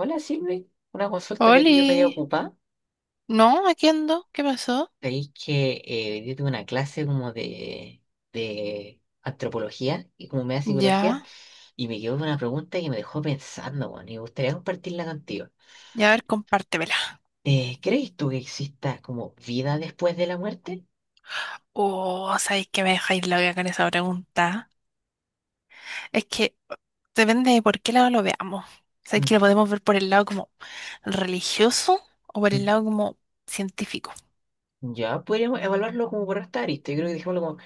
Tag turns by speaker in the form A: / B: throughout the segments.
A: Hola Silvi, una consulta de
B: Oli,
A: pillo medio ocupada.
B: no, aquí ando, ¿qué pasó?
A: Veis que hoy día tuve una clase como de antropología y como media psicología
B: Ya,
A: y me quedó una pregunta que me dejó pensando, bueno, y me gustaría compartirla contigo.
B: ya a ver, compártemela.
A: ¿Crees tú que exista como vida después de la muerte?
B: Oh, sabéis que me dejáis loca con esa pregunta. Es que depende de por qué lado lo veamos. Sabéis que
A: Mm,
B: lo podemos ver por el lado como religioso, o por el
A: mm.
B: lado como científico,
A: Ya podríamos evaluarlo como por esta arista. Yo creo que dejémoslo como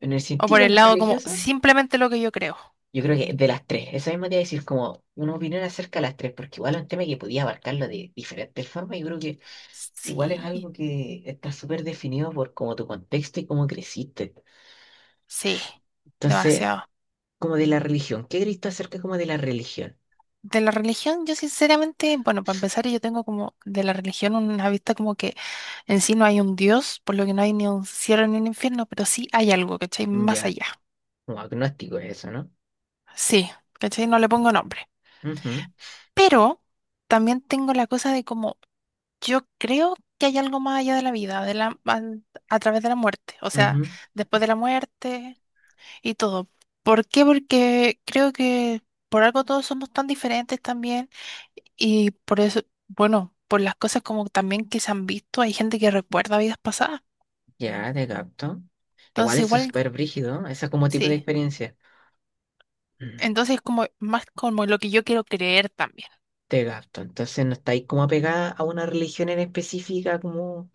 A: en el
B: o por
A: científico, en
B: el
A: la
B: lado como
A: religiosa.
B: simplemente lo que yo creo.
A: Yo creo que de las tres, esa misma te iba a decir como una opinión acerca de las tres, porque igual es un tema que podía abarcarlo de diferentes formas. Yo creo que igual es
B: Sí,
A: algo que está súper definido por como tu contexto y cómo creciste.
B: sí,
A: Entonces,
B: demasiado.
A: como de la religión, ¿qué creíste acerca como de la religión?
B: De la religión, yo sinceramente, bueno, para empezar, yo tengo como de la religión una vista como que en sí no hay un Dios, por lo que no hay ni un cielo ni un infierno, pero sí hay algo, ¿cachai? Más
A: Ya,
B: allá.
A: como agnóstico es eso, ¿no?
B: Sí, ¿cachai? No le pongo nombre.
A: Ujú,
B: Pero también tengo la cosa de como yo creo que hay algo más allá de la vida, a través de la muerte. O sea,
A: ujú.
B: después de la muerte y todo. ¿Por qué? Porque creo que por algo todos somos tan diferentes también, y por eso, bueno, por las cosas como también que se han visto, hay gente que recuerda vidas pasadas.
A: Ya, te capto. Igual
B: Entonces
A: eso es
B: igual,
A: súper brígido, ese como tipo de
B: sí.
A: experiencia. Mm,
B: Entonces como más como lo que yo quiero creer también.
A: Te capto. Entonces no estáis como apegada a una religión en específica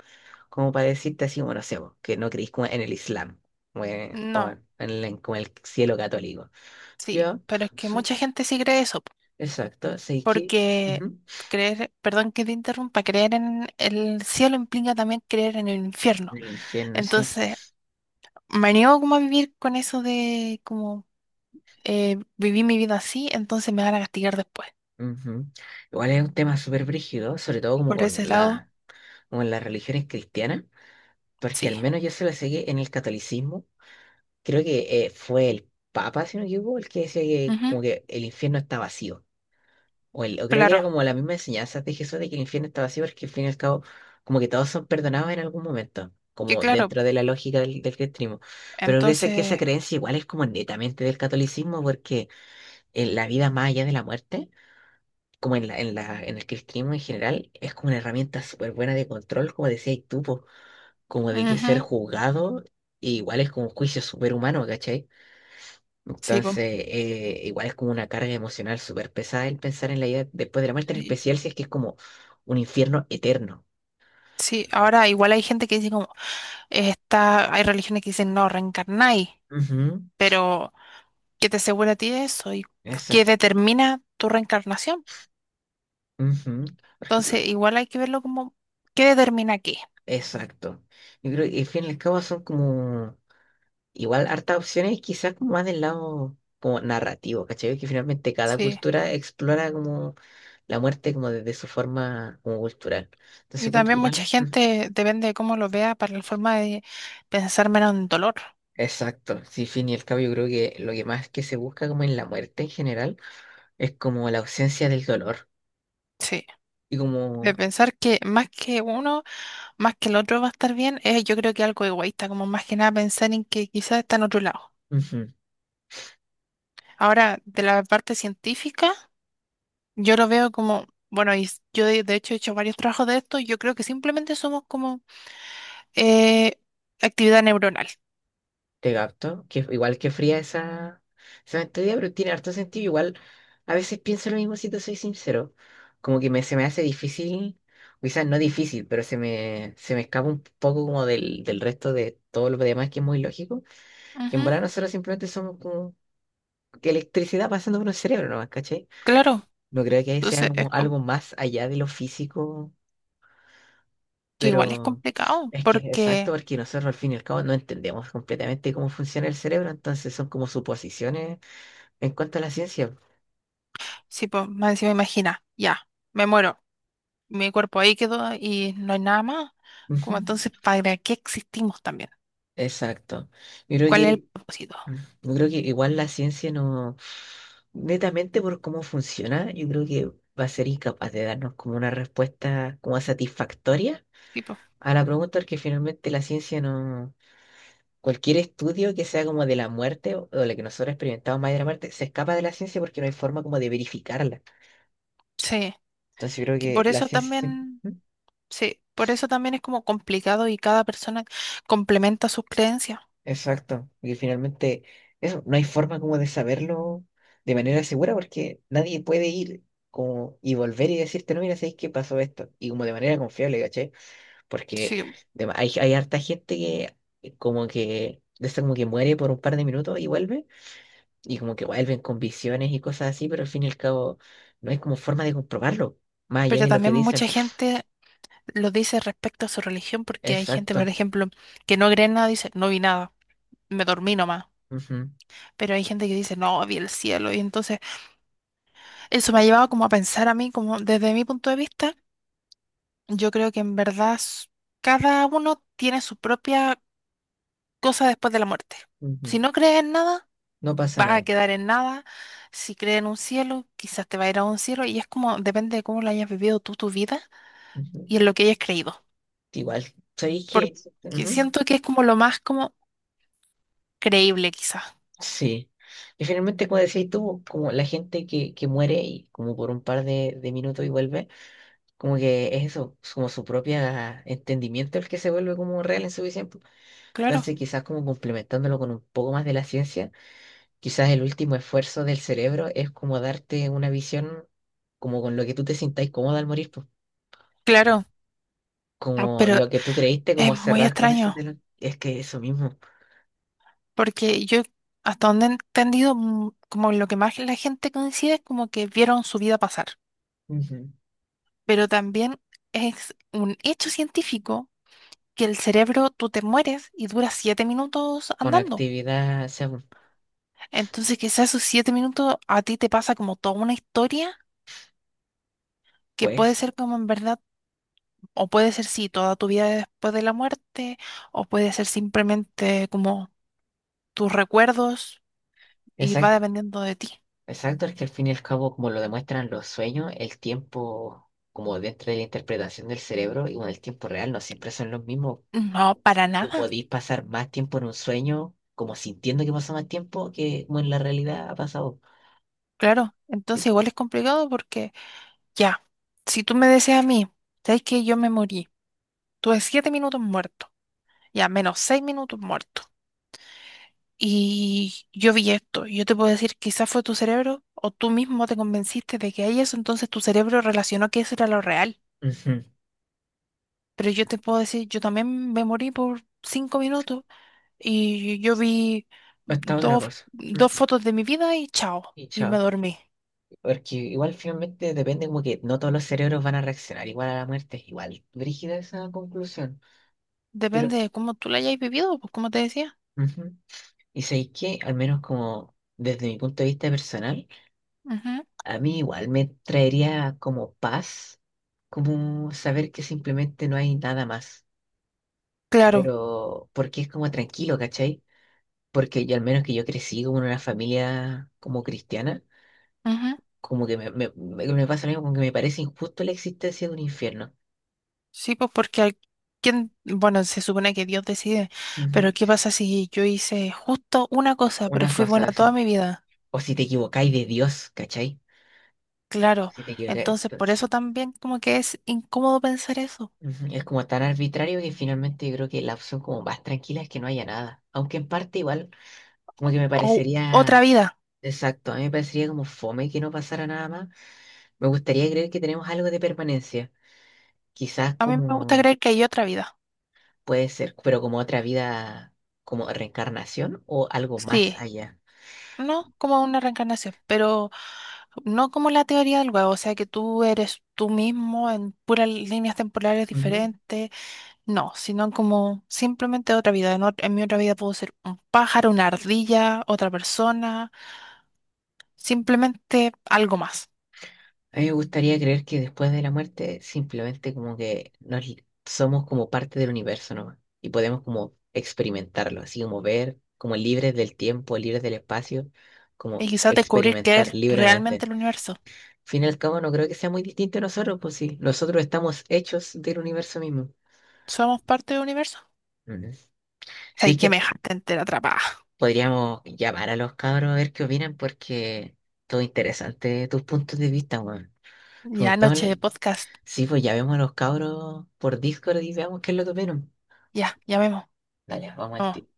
A: como para decirte así, bueno, no sé, vos, que no creís como en el Islam o
B: No,
A: en el, como el cielo católico.
B: sí,
A: Yo,
B: pero es que mucha gente sí cree eso, po,
A: Exacto, sí que
B: porque
A: ujú,
B: creer, perdón que te interrumpa, creer en el cielo implica también creer en el
A: en
B: infierno.
A: el infierno, sí.
B: Entonces, me niego como a vivir con eso de como viví mi vida así, entonces me van a castigar después.
A: Ujú. Igual es un tema súper brígido, sobre todo
B: Por ese lado,
A: como en las religiones cristianas, porque
B: sí.
A: al menos yo se la sé que en el catolicismo, creo que fue el Papa, si no me equivoco, el que decía que
B: Ujú.
A: como que el infierno está vacío. O creo que era
B: Claro,
A: como la misma enseñanza de Jesús de que el infierno está vacío, porque al fin y al cabo, como que todos son perdonados en algún momento,
B: que
A: como
B: claro.
A: dentro de la lógica del cristianismo. Pero parece que esa
B: Entonces,
A: creencia igual es como netamente del catolicismo, porque en la vida más allá de la muerte, como en el cristianismo en general, es como una herramienta súper buena de control, como decías tú, po, como de que
B: ujú,
A: ser juzgado, igual es como un juicio súper humano, ¿cachai?
B: sí, po,
A: Entonces, igual es como una carga emocional súper pesada el pensar en la vida después de la muerte, en
B: sí,
A: especial si es que es como un infierno eterno.
B: sí. Ahora igual hay gente que dice como, hay religiones que dicen no, reencarnáis,
A: Ujú,
B: pero ¿qué te asegura a ti de eso? ¿Y qué
A: exacto.
B: determina tu reencarnación?
A: Ujú, por ejemplo,
B: Entonces, igual hay que verlo como, ¿qué determina qué?
A: exacto. Yo creo que al fin y al cabo son como igual, hartas opciones quizás como más del lado como narrativo, ¿cachai? Que finalmente cada
B: Sí.
A: cultura explora como la muerte como desde su forma como cultural. Entonces
B: Y
A: encuentro
B: también mucha
A: igual, ¿no? Ujú.
B: gente, depende de cómo lo vea, para la forma de pensar menos en dolor.
A: Exacto, sí, fin y al cabo yo creo que lo que más que se busca como en la muerte en general es como la ausencia del dolor
B: Sí.
A: y como
B: De pensar que más que uno, más que el otro va a estar bien, yo creo que algo egoísta, como más que nada pensar en que quizás está en otro lado.
A: ujú,
B: Ahora, de la parte científica, yo lo veo como, bueno, yo de hecho he hecho varios trabajos de esto, y yo creo que simplemente somos como eh, actividad neuronal.
A: te capto, que igual que fría esa, esa mentalidad, pero tiene harto sentido. Igual a veces pienso lo mismo si te soy sincero. Como que se me hace difícil, o quizás no difícil, pero se se me escapa un poco como del resto de todo lo demás que es muy lógico. Que en
B: Ujú.
A: verdad nosotros simplemente somos como que electricidad pasando por un cerebro nomás, ¿cachai?
B: Claro,
A: No creo que sea
B: entonces es
A: como
B: com-
A: algo más allá de lo físico,
B: que igual es
A: pero
B: complicado,
A: es que es exacto,
B: porque
A: porque nosotros al fin y al cabo no entendemos completamente cómo funciona el cerebro, entonces son como suposiciones en cuanto a la ciencia,
B: si pues, más encima imagina, ya, me muero, mi cuerpo ahí quedó y no hay nada más,
A: ujú,
B: como entonces, ¿para qué existimos también?
A: exacto. Yo creo
B: ¿Cuál es el
A: que,
B: propósito?
A: yo creo que igual la ciencia no, netamente por cómo funciona, yo creo que va a ser incapaz de darnos como una respuesta como satisfactoria
B: Tipo,
A: a la pregunta, porque finalmente la ciencia no, cualquier estudio que sea como de la muerte o la que nosotros experimentamos más de la muerte, se escapa de la ciencia porque no hay forma como de verificarla.
B: sí,
A: Entonces yo creo
B: que
A: que
B: por
A: la
B: eso
A: ciencia siempre...
B: también, sí, por eso también es como complicado y cada persona complementa sus creencias.
A: Exacto. Y finalmente, eso, no hay forma como de saberlo de manera segura porque nadie puede ir como y volver y decirte, no, mira, ¿sabes qué pasó esto? Y como de manera confiable, ¿caché? Porque
B: Sí,
A: de ma- hay harta gente que como que, de esa como que muere por un par de minutos y vuelve, y como que vuelven con visiones y cosas así, pero al fin y al cabo no hay como forma de comprobarlo, más allá
B: pero
A: de lo que
B: también
A: dicen.
B: mucha gente lo dice respecto a su religión porque hay gente, por
A: Exacto.
B: ejemplo, que no cree en nada, dice, no vi nada, me dormí nomás.
A: Ujú,
B: Pero hay gente que dice, no, vi el cielo. Y entonces eso me ha llevado como a pensar a mí, como desde mi punto de vista, yo creo que en verdad cada uno tiene su propia cosa después de la muerte.
A: ujú.
B: Si no crees en nada,
A: No pasa
B: vas a
A: nada.
B: quedar en nada. Si crees en un cielo, quizás te va a ir a un cielo. Y es como, depende de cómo lo hayas vivido tú tu vida
A: Ujú.
B: y en lo que hayas creído.
A: Igual, ¿sabéis qué?
B: Porque siento que es como lo más como creíble, quizás.
A: Sí. Y finalmente, como decías tú, como la gente que muere y como por un par de minutos y vuelve, como que es eso, es como su propio entendimiento el que se vuelve como real en su visión.
B: Claro,
A: Entonces, quizás como complementándolo con un poco más de la ciencia, quizás el último esfuerzo del cerebro es como darte una visión como con lo que tú te sintáis cómodo al morir, po.
B: claro. No,
A: Como
B: pero
A: lo que tú creíste,
B: es
A: como
B: muy
A: cerrar con ese
B: extraño.
A: telón. Es que eso mismo,
B: Porque yo, hasta donde he entendido, como lo que más la gente coincide es como que vieron su vida pasar.
A: ujú.
B: Pero también es un hecho científico que el cerebro, tú te mueres y dura 7 minutos
A: Con
B: andando.
A: actividad, o sea,
B: Entonces, quizás esos 7 minutos a ti te pasa como toda una historia que puede
A: pues,
B: ser como en verdad, o puede ser sí, toda tu vida después de la muerte, o puede ser simplemente como tus recuerdos y va
A: exacto.
B: dependiendo de ti.
A: Exacto, es que al fin y al cabo, como lo demuestran los sueños, el tiempo, como dentro de la interpretación del cerebro y con el tiempo real, no siempre son los mismos.
B: No, para
A: Tú
B: nada,
A: podís pasar más tiempo en un sueño, como sintiendo que pasó más tiempo, que como en la realidad ha pasado.
B: claro.
A: Y-
B: Entonces, igual es complicado porque ya, si tú me decías a mí, ¿sabes que yo me morí? Tuve 7 minutos muerto, ya menos 6 minutos muerto. Y yo vi esto, y yo te puedo decir, quizás fue tu cerebro o tú mismo te convenciste de que hay eso, entonces tu cerebro relacionó que eso era lo real.
A: ujú.
B: Pero yo te puedo decir, yo también me morí por 5 minutos y yo vi
A: Esta otra
B: dos,
A: cosa.
B: dos
A: Ujú.
B: fotos de mi vida y chao,
A: Y
B: y me
A: chao.
B: dormí.
A: Porque igual finalmente depende como que no todos los cerebros van a reaccionar igual a la muerte. Igual, brígida esa conclusión. Pero,
B: Depende de cómo tú la hayas vivido, pues como te decía.
A: ujú. Y sabéis que, al menos como desde mi punto de vista personal,
B: Ujú.
A: a mí igual me traería como paz, como saber que simplemente no hay nada más,
B: Claro,
A: pero porque es como tranquilo, ¿cachai? Porque yo al menos que yo crecí como en una familia como cristiana,
B: ujú.
A: como que me pasa lo mismo, como que me parece injusto la existencia de un infierno.
B: Sí, pues porque ¿quién? Bueno, se supone que Dios decide, pero ¿qué
A: Ujú.
B: pasa si yo hice justo una cosa, pero
A: Una
B: fui
A: cosa
B: buena toda
A: así.
B: mi vida?
A: O si te equivocáis de Dios, ¿cachai?
B: Claro,
A: Si te equivocáis,
B: entonces por
A: entonces,
B: eso también como que es incómodo pensar eso.
A: ujú, es como tan arbitrario que finalmente yo creo que la opción como más tranquila es que no haya nada. Aunque en parte igual, como que me
B: O
A: parecería
B: otra vida.
A: exacto, a mí me parecería como fome que no pasara nada más. Me gustaría creer que tenemos algo de permanencia. Quizás
B: A mí me gusta
A: como
B: creer que hay otra vida.
A: puede ser, pero como otra vida, como reencarnación o algo más
B: Sí,
A: allá.
B: no como una reencarnación, pero no como la teoría del huevo, o sea que tú eres tú mismo en puras líneas temporales
A: Ujú.
B: diferentes, no, sino como simplemente otra vida. En mi otra vida puedo ser un pájaro, una ardilla, otra persona, simplemente algo más.
A: A mí me gustaría creer que después de la muerte simplemente como que nos, somos como parte del universo nomás y podemos como experimentarlo, así como ver, como libres del tiempo, libres del espacio,
B: Y
A: como
B: quizás descubrir que
A: experimentar
B: es realmente
A: libremente.
B: el universo.
A: Fin y al cabo no creo que sea muy distinto a nosotros, pues sí, nosotros estamos hechos del universo mismo.
B: ¿Somos parte del universo?
A: Ujú. Sí,
B: Ay,
A: es que
B: que me
A: t-
B: dejaste entera atrapada.
A: podríamos llamar a los cabros a ver qué opinan, porque todo interesante tus puntos de vista, weón.
B: Ya,
A: Preguntamos,
B: noche de podcast.
A: sí, pues ya vemos a los cabros por Discord y veamos qué es lo que opinan.
B: Ya, llamemos.
A: Dale, vamos al tiro.
B: Vamos.